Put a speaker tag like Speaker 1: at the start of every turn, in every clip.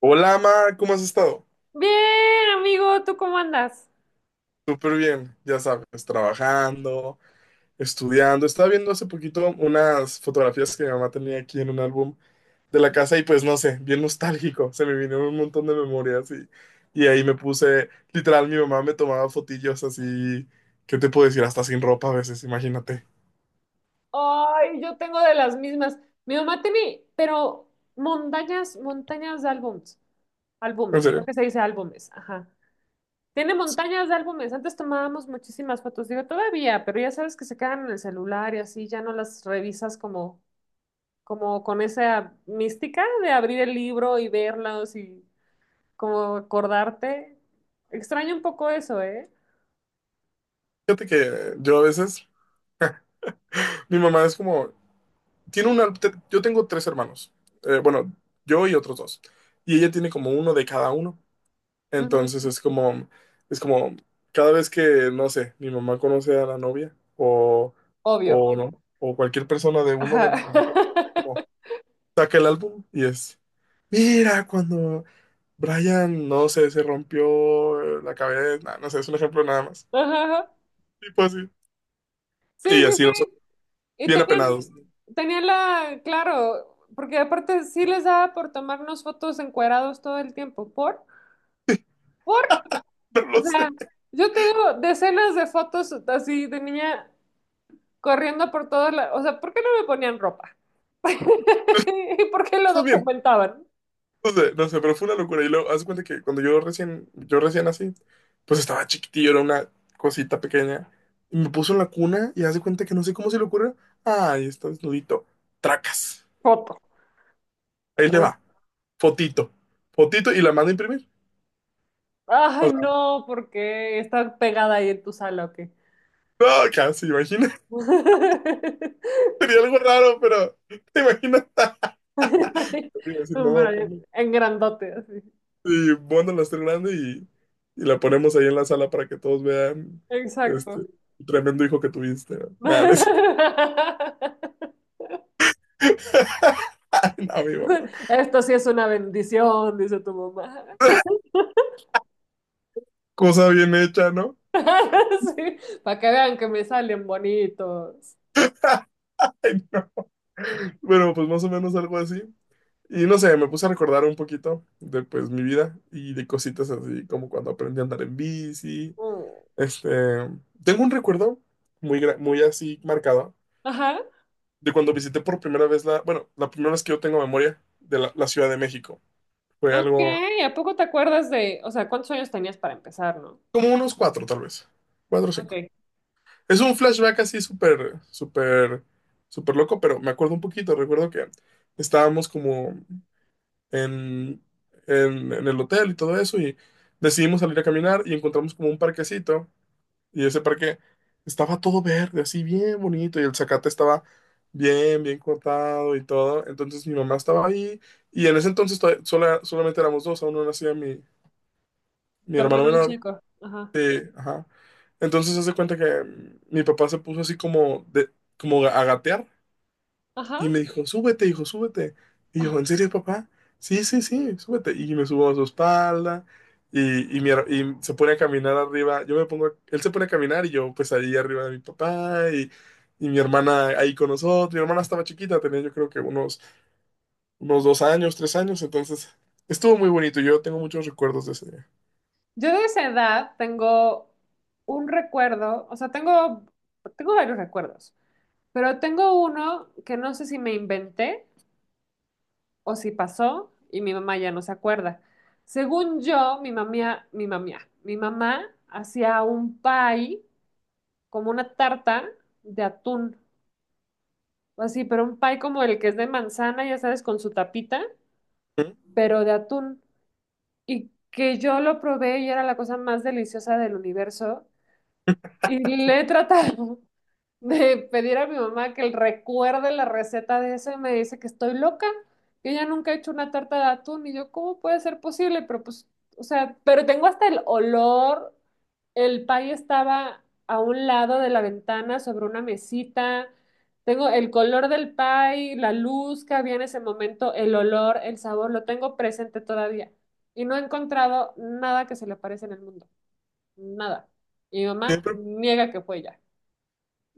Speaker 1: Hola, Mar, ¿cómo has estado?
Speaker 2: Bien, amigo, ¿tú cómo andas?
Speaker 1: Súper bien, ya sabes, trabajando, estudiando. Estaba viendo hace poquito unas fotografías que mi mamá tenía aquí en un álbum de la casa y pues no sé, bien nostálgico. Se me vinieron un montón de memorias y ahí me puse, literal, mi mamá me tomaba fotillos así, ¿qué te puedo decir? Hasta sin ropa a veces, imagínate.
Speaker 2: Ay, yo tengo de las mismas. Mi mamá tiene, pero montañas, montañas de álbums,
Speaker 1: ¿En
Speaker 2: álbumes, creo
Speaker 1: serio?
Speaker 2: que se dice álbumes, ajá. Tiene montañas de álbumes. Antes tomábamos muchísimas fotos, digo, todavía, pero ya sabes que se quedan en el celular y así, ya no las revisas como con esa mística de abrir el libro y verlos y como acordarte. Extraño un poco eso, ¿eh?
Speaker 1: Fíjate que yo a veces, mi mamá es como, tiene una, yo tengo tres hermanos. Eh, bueno, yo y otros dos, y ella tiene como uno de cada uno.
Speaker 2: Ujú.
Speaker 1: Entonces es como, cada vez que, no sé, mi mamá conoce a la novia
Speaker 2: Obvio.
Speaker 1: o no, o cualquier persona de uno de,
Speaker 2: Ajá.
Speaker 1: de nosotros, como, saca el álbum y es, mira, cuando Brian, no sé, se rompió la cabeza, nah, no sé, es un ejemplo nada más.
Speaker 2: Ajá.
Speaker 1: Tipo así.
Speaker 2: Sí,
Speaker 1: Y
Speaker 2: sí,
Speaker 1: así
Speaker 2: sí.
Speaker 1: nosotros,
Speaker 2: Y
Speaker 1: bien
Speaker 2: tenían,
Speaker 1: apenados.
Speaker 2: tenían la, claro, porque aparte sí les daba por tomarnos fotos encuerados todo el tiempo. ¿Por? ¿Por?
Speaker 1: No
Speaker 2: O
Speaker 1: lo
Speaker 2: sea,
Speaker 1: sé,
Speaker 2: yo tengo decenas de fotos así de niña corriendo por todas las. O sea, ¿por qué no me ponían ropa? ¿Y por qué lo
Speaker 1: está bien.
Speaker 2: documentaban?
Speaker 1: No sé, no sé, pero fue una locura. Y luego, haz de cuenta que cuando yo recién así, pues estaba chiquitillo, era una cosita pequeña. Y me puso en la cuna y haz de cuenta que no sé cómo se le ocurre. Ay, está desnudito. Tracas.
Speaker 2: Foto.
Speaker 1: Ahí le
Speaker 2: Ah.
Speaker 1: va. Fotito. Fotito y la manda a imprimir. O
Speaker 2: Ay,
Speaker 1: sea,
Speaker 2: no, porque está pegada ahí en tu sala, ¿o qué?
Speaker 1: no, casi, imagina. Sería algo raro, pero te imaginas. Iba a decir, mamá,
Speaker 2: Vale,
Speaker 1: ponme.
Speaker 2: en grandote, así.
Speaker 1: Y bueno, la estoy grande y la ponemos ahí en la sala para que todos vean este
Speaker 2: Exacto.
Speaker 1: el tremendo hijo que tuviste, ¿no? Nada, no, mi mamá.
Speaker 2: Esto sí es una bendición, dice tu mamá.
Speaker 1: Cosa bien hecha, ¿no?
Speaker 2: Sí, para que vean que me salen bonitos.
Speaker 1: Ay, no. Bueno, pues más o menos algo así. Y no sé, me puse a recordar un poquito de pues mi vida y de cositas así como cuando aprendí a andar en bici.
Speaker 2: Mm.
Speaker 1: Este, tengo un recuerdo muy, muy así marcado
Speaker 2: Ajá.
Speaker 1: de cuando visité por primera vez la, bueno, la primera vez que yo tengo memoria de la Ciudad de México. Fue
Speaker 2: Ok,
Speaker 1: algo
Speaker 2: ¿a poco te acuerdas de, o sea, cuántos años tenías para empezar, no?
Speaker 1: como unos cuatro tal vez, cuatro o
Speaker 2: Ok.
Speaker 1: cinco. Es un flashback así súper, súper, súper loco, pero me acuerdo un poquito. Recuerdo que estábamos como en, en el hotel y todo eso y decidimos salir a caminar y encontramos como un parquecito y ese parque estaba todo verde, así bien bonito y el zacate estaba bien, bien cortado y todo. Entonces mi mamá estaba ahí y en ese entonces solamente éramos dos, aún no nacía mi
Speaker 2: Tu
Speaker 1: hermano
Speaker 2: hermano el
Speaker 1: menor.
Speaker 2: chico. Ajá.
Speaker 1: Sí, ajá. Entonces se hace cuenta que mi papá se puso así como de, como a gatear
Speaker 2: Ajá.
Speaker 1: y me dijo, súbete, hijo, súbete. Y yo,
Speaker 2: Ah.
Speaker 1: ¿en serio, papá? Sí, sí, sí, súbete. Y me subo a su espalda y se pone a caminar arriba. Yo me pongo, él se pone a caminar y yo pues ahí arriba de mi papá y mi hermana ahí con nosotros. Mi hermana estaba chiquita, tenía yo creo que unos, unos dos años, tres años. Entonces estuvo muy bonito. Yo tengo muchos recuerdos de ese día.
Speaker 2: Yo de esa edad tengo un recuerdo, o sea, tengo varios recuerdos, pero tengo uno que no sé si me inventé o si pasó y mi mamá ya no se acuerda. Según yo, mi mamá hacía un pie como una tarta de atún, o así, pero un pie como el que es de manzana, ya sabes, con su tapita,
Speaker 1: ¿Mm?
Speaker 2: pero de atún. Y que yo lo probé y era la cosa más deliciosa del universo. Y le he tratado de pedir a mi mamá que él recuerde la receta de eso y me dice que estoy loca, que ella nunca ha hecho una tarta de atún y yo, ¿cómo puede ser posible? Pero pues, o sea, pero tengo hasta el olor, el pay estaba a un lado de la ventana sobre una mesita, tengo el color del pay, la luz que había en ese momento, el olor, el sabor, lo tengo presente todavía y no he encontrado nada que se le parezca en el mundo, nada. Y mi mamá
Speaker 1: Siempre,
Speaker 2: niega que fue ella.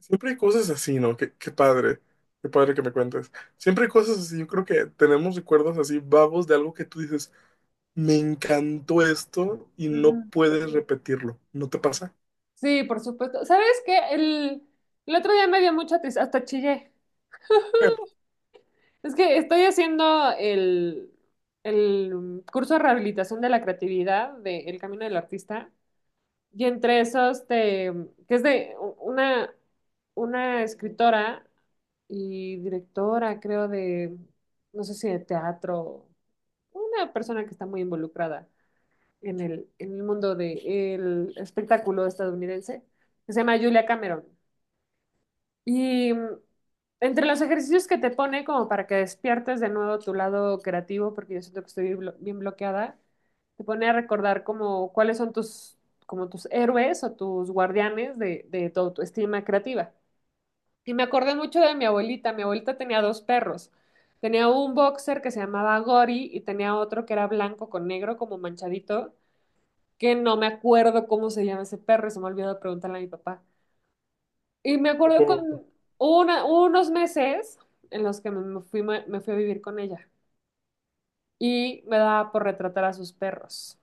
Speaker 1: siempre hay cosas así, ¿no? Qué, qué padre que me cuentes. Siempre hay cosas así, yo creo que tenemos recuerdos así vagos de algo que tú dices, me encantó esto y no puedes repetirlo, ¿no te pasa?
Speaker 2: Sí, por supuesto. ¿Sabes qué? El otro día me dio mucha tristeza, hasta chillé. Es que estoy haciendo el curso de rehabilitación de la creatividad de El Camino del Artista. Y entre esos, que es de una escritora y directora, creo, de, no sé si de teatro, una persona que está muy involucrada en el mundo del espectáculo estadounidense, que se llama Julia Cameron. Y entre los ejercicios que te pone como para que despiertes de nuevo tu lado creativo, porque yo siento que estoy bien bloqueada, te pone a recordar como cuáles son tus, como tus héroes o tus guardianes de toda tu estima creativa. Y me acordé mucho de mi abuelita. Mi abuelita tenía dos perros. Tenía un boxer que se llamaba Gori y tenía otro que era blanco con negro como manchadito, que no me acuerdo cómo se llama ese perro y se me ha olvidado preguntarle a mi papá. Y me acuerdo con
Speaker 1: Tampoco,
Speaker 2: unos meses en los que me fui a vivir con ella y me daba por retratar a sus perros.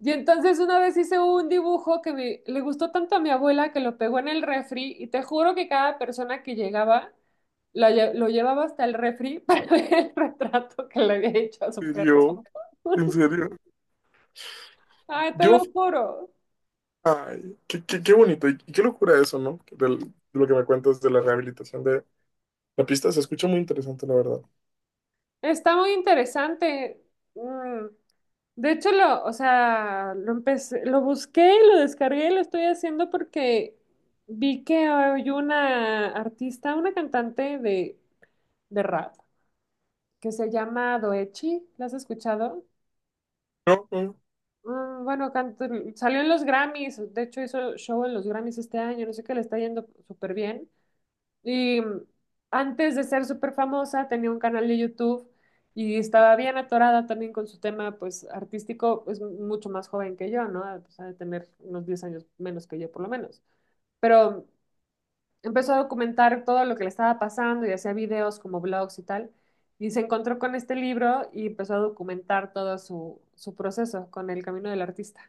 Speaker 2: Y entonces una vez hice un dibujo que le gustó tanto a mi abuela que lo pegó en el refri y te juro que cada persona que llegaba lo llevaba hasta el refri para ver el retrato que le había hecho a su
Speaker 1: ¿en
Speaker 2: perro.
Speaker 1: serio? ¿En serio?
Speaker 2: Ay, te
Speaker 1: Yo,
Speaker 2: lo juro.
Speaker 1: ay, qué, qué, qué bonito y qué locura eso, ¿no? De lo que me cuentas de la rehabilitación de la pista, se escucha muy interesante, la verdad.
Speaker 2: Está muy interesante. Mm. De hecho, lo, o sea, lo empecé, lo busqué, lo descargué, y lo estoy haciendo porque vi que hay una artista, una cantante de rap que se llama Doechi. ¿La has escuchado?
Speaker 1: No, no,
Speaker 2: Bueno, salió en los Grammys, de hecho hizo show en los Grammys este año, no sé qué le está yendo súper bien. Y antes de ser súper famosa, tenía un canal de YouTube y estaba bien atorada también con su tema, pues, artístico, es mucho más joven que yo, ¿no? O sea, de tener unos 10 años menos que yo, por lo menos. Pero empezó a documentar todo lo que le estaba pasando y hacía videos como blogs y tal. Y se encontró con este libro y empezó a documentar todo su proceso con el camino del artista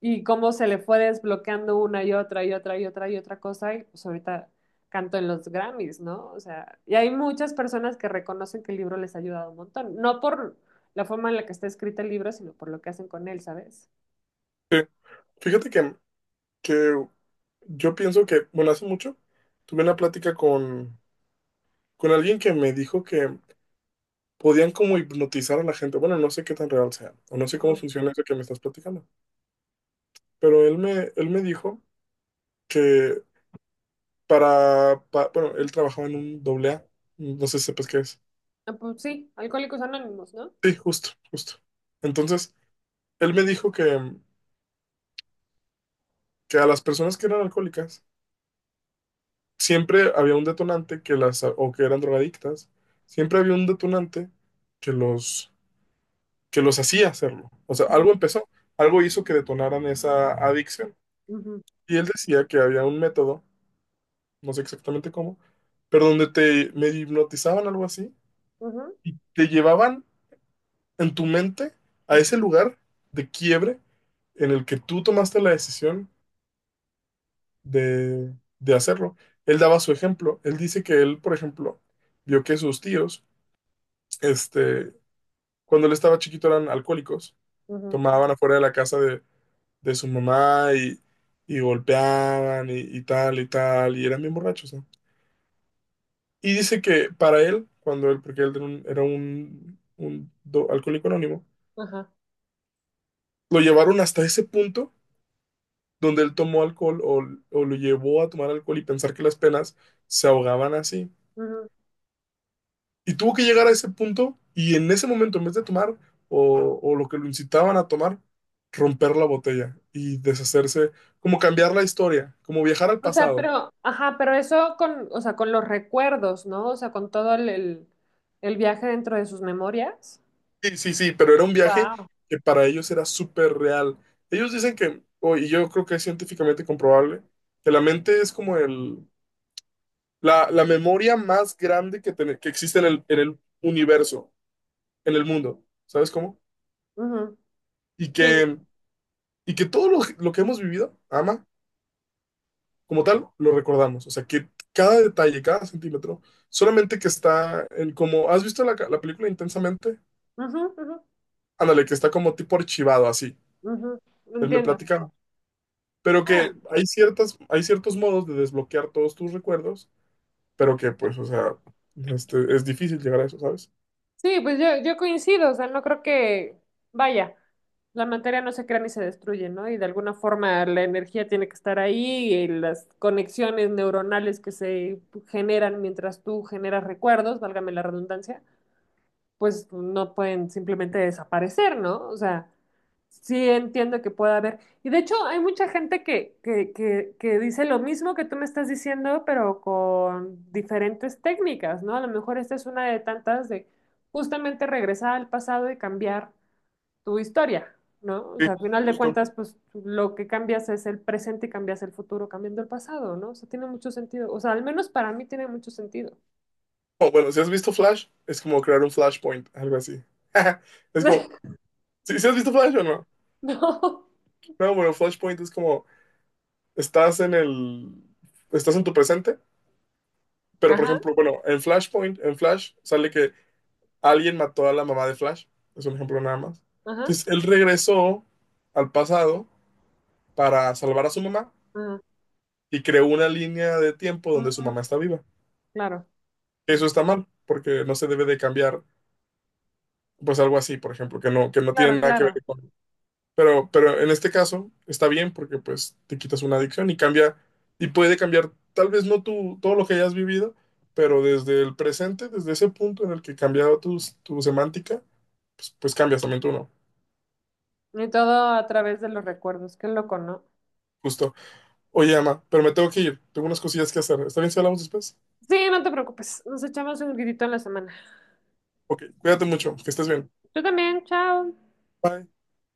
Speaker 2: y cómo se le fue desbloqueando una y otra y otra y otra y otra cosa, y pues ahorita canto en los Grammys, ¿no? O sea, y hay muchas personas que reconocen que el libro les ha ayudado un montón, no por la forma en la que está escrito el libro, sino por lo que hacen con él, ¿sabes?
Speaker 1: sí. Fíjate que yo pienso que, bueno, hace mucho tuve una plática con alguien que me dijo que podían como hipnotizar a la gente. Bueno, no sé qué tan real sea, o no sé cómo
Speaker 2: Ujú.
Speaker 1: funciona eso que me estás platicando, pero él me dijo que bueno, él trabajaba en un doble A, no sé si sepas qué es.
Speaker 2: Ah. Pues sí, Alcohólicos Anónimos, ¿no?
Speaker 1: Sí, justo, justo. Entonces, él me dijo que a las personas que eran alcohólicas siempre había un detonante que las, o que eran drogadictas, siempre había un detonante que los, que los hacía hacerlo. O sea, algo
Speaker 2: Ujú.
Speaker 1: empezó, algo hizo que detonaran esa adicción.
Speaker 2: Ujú.
Speaker 1: Y él decía que había un método, no sé exactamente cómo, pero donde te me hipnotizaban algo así
Speaker 2: Ujú.
Speaker 1: y te llevaban en tu mente a
Speaker 2: Ujú.
Speaker 1: ese lugar de quiebre en el que tú tomaste la decisión de hacerlo. Él daba su ejemplo. Él dice que él, por ejemplo, vio que sus tíos, este, cuando él estaba chiquito eran alcohólicos,
Speaker 2: Ujú.
Speaker 1: tomaban afuera de la casa de su mamá y golpeaban y tal y tal, y eran bien borrachos, ¿no? Y dice que para él, cuando él, porque él era un alcohólico anónimo,
Speaker 2: Ajá.
Speaker 1: lo llevaron hasta ese punto donde él tomó alcohol o lo llevó a tomar alcohol y pensar que las penas se ahogaban así.
Speaker 2: Ujú.
Speaker 1: Y tuvo que llegar a ese punto y en ese momento, en vez de tomar o lo que lo incitaban a tomar, romper la botella y deshacerse, como cambiar la historia, como viajar al
Speaker 2: O sea,
Speaker 1: pasado.
Speaker 2: pero, ajá, pero eso con, o sea, con los recuerdos, ¿no? O sea, con todo el, el viaje dentro de sus memorias.
Speaker 1: Sí, sí, sí, pero era un viaje
Speaker 2: Wow.
Speaker 1: que para ellos era súper real. Ellos dicen que, y yo creo que es científicamente comprobable, que la mente es como el, la memoria más grande que existe en en el universo, en el mundo, ¿sabes cómo? Y que, y que todo lo que hemos vivido, ama, como tal, lo recordamos. O sea, que cada detalle, cada centímetro, solamente que está en como, ¿has visto la película Intensamente?
Speaker 2: Ujú. Ujú.
Speaker 1: Ándale, que está como tipo archivado así.
Speaker 2: Ujú.
Speaker 1: Él me
Speaker 2: Entiendo.
Speaker 1: platica. Pero
Speaker 2: Bueno,
Speaker 1: que hay ciertas, hay ciertos modos de desbloquear todos tus recuerdos, pero que pues, o sea, este, es difícil llegar a eso, ¿sabes?
Speaker 2: sí, pues yo coincido, o sea, no creo que, vaya, la materia no se crea ni se destruye, ¿no? Y de alguna forma la energía tiene que estar ahí y las conexiones neuronales que se generan mientras tú generas recuerdos, válgame la redundancia, pues no pueden simplemente desaparecer, ¿no? O sea, sí entiendo que pueda haber. Y de hecho, hay mucha gente que dice lo mismo que tú me estás diciendo, pero con diferentes técnicas, ¿no? A lo mejor esta es una de tantas de justamente regresar al pasado y cambiar tu historia, ¿no? O
Speaker 1: Sí,
Speaker 2: sea, al final de
Speaker 1: justo.
Speaker 2: cuentas, pues lo que cambias es el presente y cambias el futuro cambiando el pasado, ¿no? O sea, tiene mucho sentido. O sea, al menos para mí tiene mucho sentido.
Speaker 1: O bueno, si has visto Flash, es como crear un flashpoint, algo así. Es como, ¿si has visto Flash o no?
Speaker 2: No.
Speaker 1: No, bueno, flashpoint es como, estás en el, estás en tu presente, pero por
Speaker 2: Ajá,
Speaker 1: ejemplo, bueno, en Flashpoint, en Flash, sale que alguien mató a la mamá de Flash, es un ejemplo nada más.
Speaker 2: ajá,
Speaker 1: Entonces, él regresó al pasado para salvar a su mamá,
Speaker 2: ajá.
Speaker 1: y creó una línea de tiempo donde su
Speaker 2: Ujú.
Speaker 1: mamá está viva.
Speaker 2: Claro.
Speaker 1: Eso
Speaker 2: Ujú.
Speaker 1: está mal, porque no se debe de cambiar, pues algo así, por ejemplo, que no
Speaker 2: Claro,
Speaker 1: tiene nada que ver
Speaker 2: claro.
Speaker 1: con... pero en este caso está bien porque pues te quitas una adicción y cambia, y puede cambiar tal vez no tú todo lo que hayas vivido, pero desde el presente, desde ese punto en el que cambiado tu semántica, pues, pues cambias también tú, ¿no?
Speaker 2: Y todo a través de los recuerdos. Qué loco, ¿no?
Speaker 1: Justo. Oye, Ama, pero me tengo que ir. Tengo unas cosillas que hacer. ¿Está bien si hablamos después?
Speaker 2: Sí, no te preocupes. Nos echamos un grito en la semana.
Speaker 1: Ok, cuídate mucho, que estés bien.
Speaker 2: Tú también, chao.
Speaker 1: Bye.